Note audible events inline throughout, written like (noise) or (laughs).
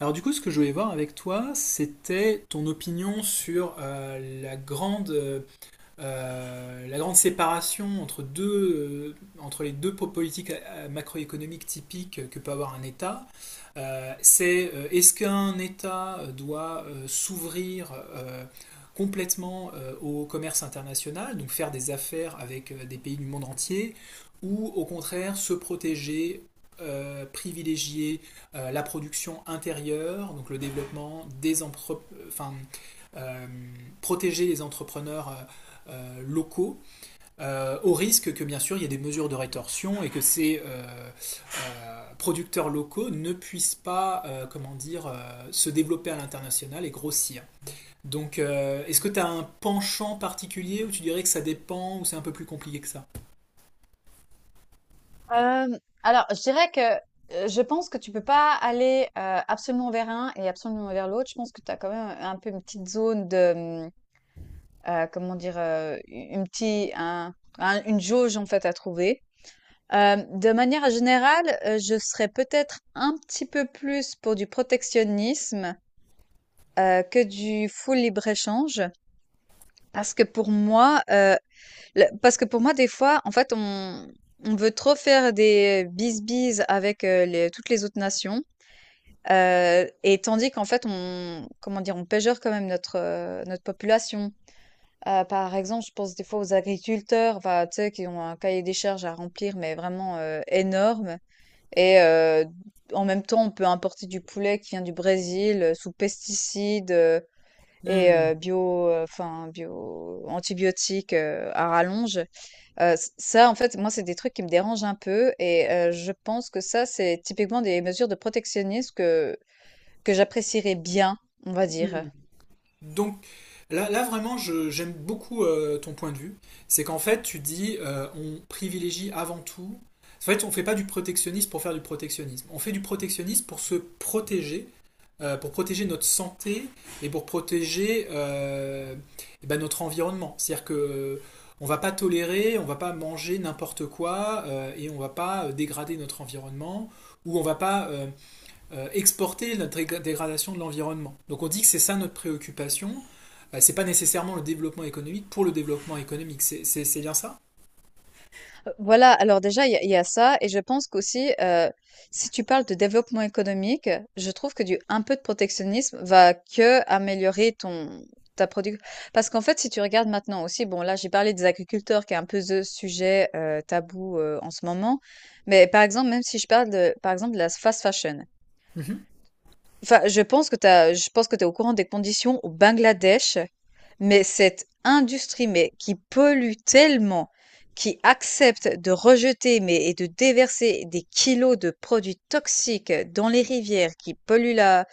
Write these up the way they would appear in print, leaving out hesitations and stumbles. Alors du coup, ce que je voulais voir avec toi, c'était ton opinion sur la grande séparation entre, entre les deux politiques macroéconomiques typiques que peut avoir un État, c'est est-ce qu'un État doit s'ouvrir complètement au commerce international, donc faire des affaires avec des pays du monde entier, ou au contraire se protéger, privilégier la production intérieure, donc le développement des euh, protéger les entrepreneurs locaux, au risque que bien sûr il y ait des mesures de rétorsion et que ces producteurs locaux ne puissent pas, comment dire, se développer à l'international et grossir. Donc, est-ce que tu as un penchant particulier ou tu dirais que ça dépend ou c'est un peu plus compliqué que ça? Euh, alors, je dirais que je pense que tu peux pas aller absolument vers un et absolument vers l'autre. Je pense que tu as quand même un peu une petite zone de, hum, comment dire, une petite, une jauge en fait à trouver. De manière générale, je serais peut-être un petit peu plus pour du protectionnisme que du full libre-échange, parce que pour moi, Le parce que pour moi, des fois, en fait, on veut trop faire des bisbises avec, les toutes les autres nations, et tandis qu'en fait, on comment dire? On pégeure quand même notre, notre population. Par exemple, je pense des fois aux agriculteurs, enfin, tu sais, qui ont un cahier des charges à remplir, mais vraiment, énorme et en même temps, on peut importer du poulet qui vient du Brésil, sous pesticides, et Hmm. Bio, enfin bio antibiotiques, à rallonge. Ç Ça, en fait, moi, c'est des trucs qui me dérangent un peu et je pense que ça, c'est typiquement des mesures de protectionnisme que j'apprécierais bien, on va dire. Donc là, vraiment, j'aime beaucoup ton point de vue. C'est qu'en fait, tu dis, on privilégie avant tout. En fait, on ne fait pas du protectionnisme pour faire du protectionnisme. On fait du protectionnisme pour se protéger, pour protéger notre santé et pour protéger eh ben, notre environnement. C'est-à-dire que on va pas tolérer, on va pas manger n'importe quoi et on va pas dégrader notre environnement ou on va pas exporter notre dégradation de l'environnement. Donc on dit que c'est ça notre préoccupation. Bah, c'est pas nécessairement le développement économique pour le développement économique. C'est bien ça. Voilà, alors déjà, il y a ça et je pense qu'aussi, si tu parles de développement économique, je trouve que du un peu de protectionnisme va que améliorer ton ta produc Parce qu'en fait, si tu regardes maintenant aussi, bon, là, j'ai parlé des agriculteurs qui est un peu the sujet, tabou, en ce moment, mais par exemple, même si je parle de par exemple, de la fast fashion. Mhm. Enfin, je pense que tu es au courant des conditions au Bangladesh, mais cette industrie, mais qui pollue tellement, qui accepte de rejeter, mais et de déverser des kilos de produits toxiques dans les rivières, qui polluent la,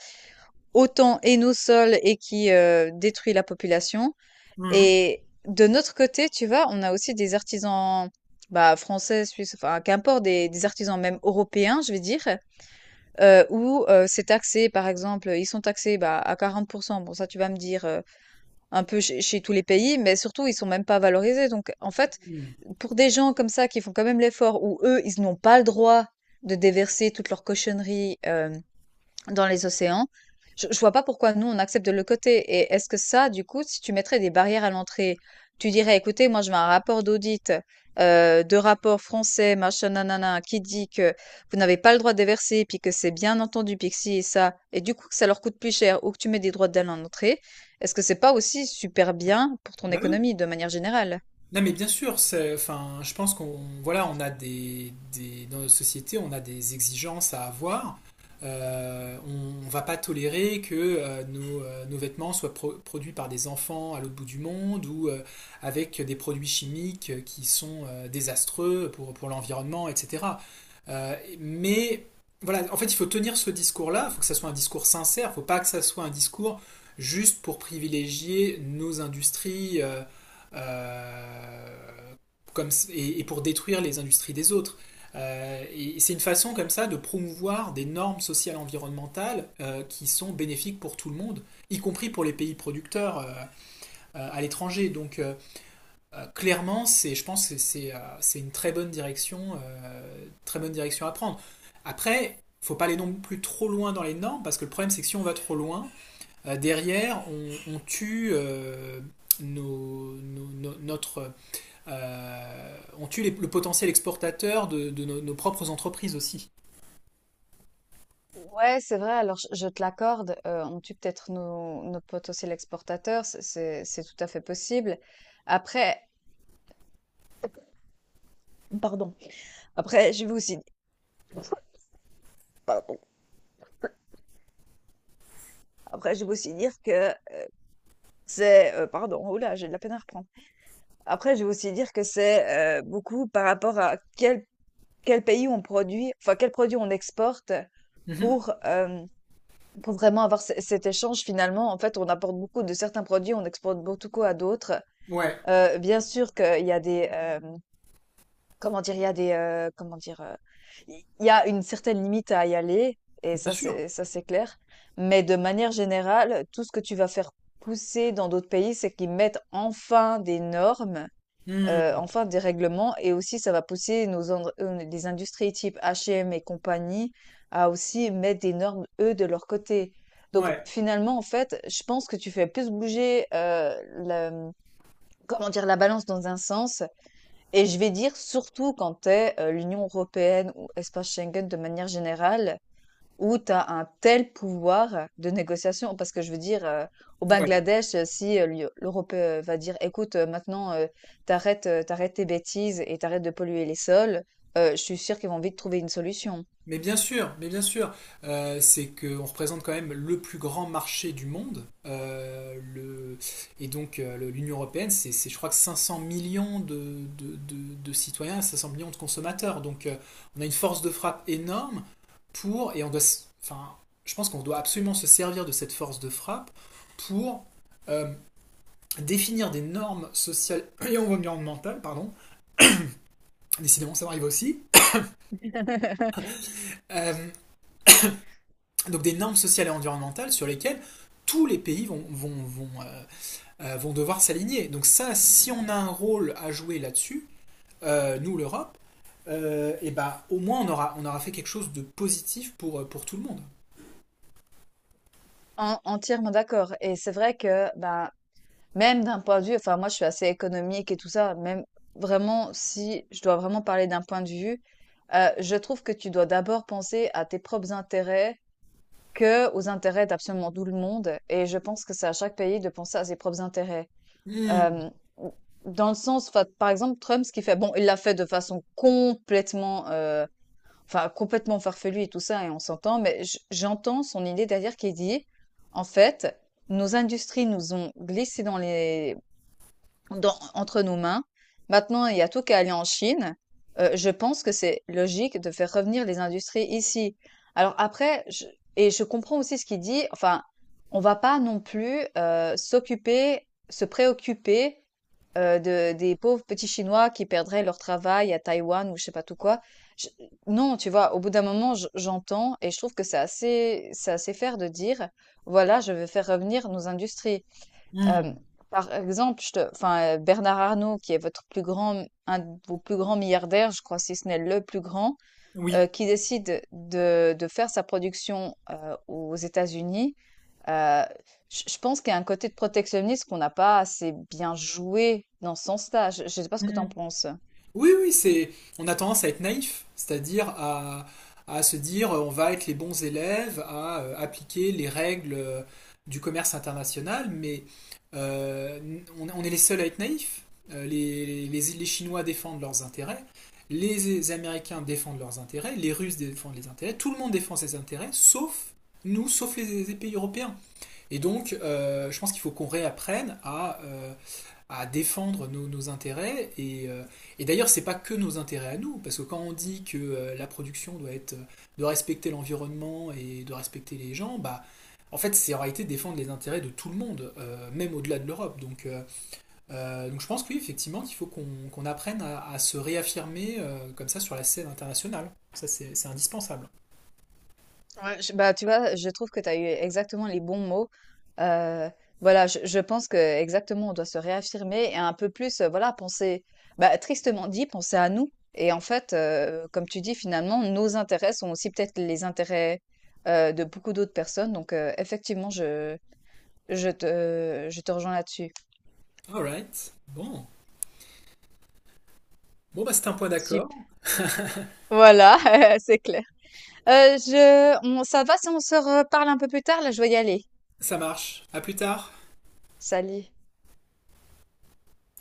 autant et nos sols et qui détruit la population. Mhm. Et de notre côté, tu vois, on a aussi des artisans bah, français, suisses, enfin, qu'importe, des artisans même européens, je vais dire. Où, c'est taxé, par exemple, ils sont taxés, bah, à 40. Bon ça tu vas me dire, un peu chez tous les pays, mais surtout ils sont même pas valorisés. Donc en fait, pour des gens comme ça qui font quand même l'effort, où eux, ils n'ont pas le droit de déverser toutes leurs cochonneries dans les océans. Je vois pas pourquoi nous, on accepte de le côté et est-ce que ça, du coup, si tu mettrais des barrières à l'entrée, tu dirais: «Écoutez, moi, je veux un rapport d'audit, de rapport français, machin, nanana, qui dit que vous n'avez pas le droit de déverser, puis que c'est bien entendu, puis que si et ça» et du coup, que ça leur coûte plus cher ou que tu mets des droits douane à l'entrée. Est-ce que c'est pas aussi super bien pour ton Bah oui. économie, de manière générale? Non mais bien sûr, enfin, je pense qu'on voilà, on a dans notre société, on a des exigences à avoir. On ne va pas tolérer que nos vêtements soient produits par des enfants à l'autre bout du monde ou avec des produits chimiques qui sont désastreux pour l'environnement, etc. Euh, mais voilà, en fait, il faut tenir ce discours-là. Il faut que ça soit un discours sincère. Il faut pas que ça soit un discours juste pour privilégier nos industries, euh, pour détruire les industries des autres. Et c'est une façon comme ça de promouvoir des normes sociales environnementales qui sont bénéfiques pour tout le monde, y compris pour les pays producteurs à l'étranger. Donc clairement, c'est, je pense que c'est une très bonne direction à prendre. Après, il ne faut pas aller non plus trop loin dans les normes, parce que le problème c'est que si on va trop loin, derrière on tue notre on tue le potentiel exportateur de nos, nos propres entreprises aussi. Ouais, c'est vrai, alors je te l'accorde, on tue peut-être nos potes aussi l'exportateur, c'est tout à fait possible. Après Pardon. Après, je vais aussi pardon. Après, je vais aussi dire que c'est, oh là, j'ai de la peine à reprendre. Après, je vais aussi dire que c'est, beaucoup par rapport à quel pays on produit, enfin, quel produit on exporte Mhm. pour, pour vraiment avoir ce cet échange finalement. En fait, on apporte beaucoup de certains produits, on exporte beaucoup à d'autres. Ouais, Bien sûr qu'il y a des, hem comment dire? Il y a des, comment dire? Il y a une certaine limite à y aller et bien sûr. Ça c'est clair. Mais de manière générale, tout ce que tu vas faire pousser dans d'autres pays, c'est qu'ils mettent enfin des normes, Hmm. enfin des règlements et aussi ça va pousser nos indr les industries type H&M et M et compagnie à aussi mettre des normes, eux, de leur côté. Donc Ouais, finalement, en fait, je pense que tu fais plus bouger, le, mmh, comment dire? La balance dans un sens et je vais dire surtout quand t'es es, l'Union européenne ou espace Schengen de manière générale, où t'as un tel pouvoir de négociation. Parce que je veux dire, au ouais. Bangladesh, si, l'Europe, va dire: «Écoute, maintenant, t'arrêtes arrêtes, tes bêtises et t'arrêtes de polluer les sols», je suis sûre qu'ils vont vite trouver une solution. Mais bien sûr, c'est qu'on représente quand même le plus grand marché du monde, et donc l'Union européenne, c'est, je crois que 500 millions de, de citoyens, 500 millions de consommateurs. Donc on a une force de frappe énorme pour, et on doit, enfin, je pense qu'on doit absolument se servir de cette force de frappe pour euh, définir des normes sociales et environnementales, pardon, décidément ça m'arrive aussi, euh, donc des normes sociales et environnementales sur lesquelles tous les pays vont vont devoir s'aligner. Donc ça, si on a un rôle à jouer là-dessus, nous l'Europe, et ben au moins on aura fait quelque chose de positif pour tout le monde. En entièrement d'accord et c'est vrai que, ben, même d'un point de vue enfin moi je suis assez économique et tout ça, même vraiment si je dois vraiment parler d'un point de vue, je trouve que tu dois d'abord penser à tes propres intérêts que aux intérêts d'absolument tout le monde et je pense que c'est à chaque pays de penser à ses propres intérêts. Mm, Hem, mmh, Dans le sens enfin, par exemple, Trump, ce qu'il fait, bon, il l'a fait de façon complètement, enfin complètement farfelue et tout ça et on s'entend, mais j'entends son idée derrière qui dit: «En fait, nos industries nous ont glissé entre nos mains. Maintenant, il y a tout qu'à aller en Chine. Je pense que c'est logique de faire revenir les industries ici. Alors après, je- et je comprends aussi ce qu'il dit, enfin, on va pas non plus se préoccuper des pauvres petits Chinois qui perdraient leur travail à Taïwan ou je sais pas tout quoi. Je- non, tu vois, au bout d'un moment, j'entends et je trouve que c'est assez fair de dire, voilà, je veux faire revenir nos industries. Hem, mm, Par exemple, Bernard Arnault qui est votre plus grand un de vos plus grands milliardaires, je crois, si ce n'est le plus grand, oui. Qui décide de faire sa production, aux États-Unis, heu, je pense qu'il y a un côté de protectionnisme qu'on n'a pas assez bien joué dans ce sens-là. Je ne sais pas ce que tu en penses? Oui, oui, c'est. On a tendance à être naïf, c'est-à-dire à se dire on va être les bons élèves, à appliquer les règles du commerce international, mais euh, on est les seuls à être naïfs. Les les Chinois défendent leurs intérêts, les Américains défendent leurs intérêts, les Russes défendent les intérêts, tout le monde défend ses intérêts, sauf nous, sauf les pays européens. Et donc, je pense qu'il faut qu'on réapprenne à défendre nos, nos intérêts. Et d'ailleurs, c'est pas que nos intérêts à nous, parce que quand on dit que la production doit être de respecter l'environnement et de respecter les gens, bah en fait, c'est en réalité défendre les intérêts de tout le monde, même au-delà de l'Europe. Donc je pense que oui, effectivement, qu'il faut qu'on apprenne à se réaffirmer comme ça sur la scène internationale. Ça, c'est indispensable. Bah, tu vois, je trouve que tu as eu exactement les bons mots. Euh, voilà, je pense que exactement, on doit se réaffirmer et un peu plus, voilà, penser, bah, tristement dit, penser à nous. Et en fait, comme tu dis, finalement, nos intérêts sont aussi peut-être les intérêts de beaucoup d'autres personnes. Donc, effectivement, je te rejoins là-dessus. Alright. Bon. Bon, bah, c'est un point d'accord. Sup- Voilà, (laughs) c'est clair. Ça va si on se reparle un peu plus tard? Là, je vais y aller. Ça marche. À plus tard. Salut.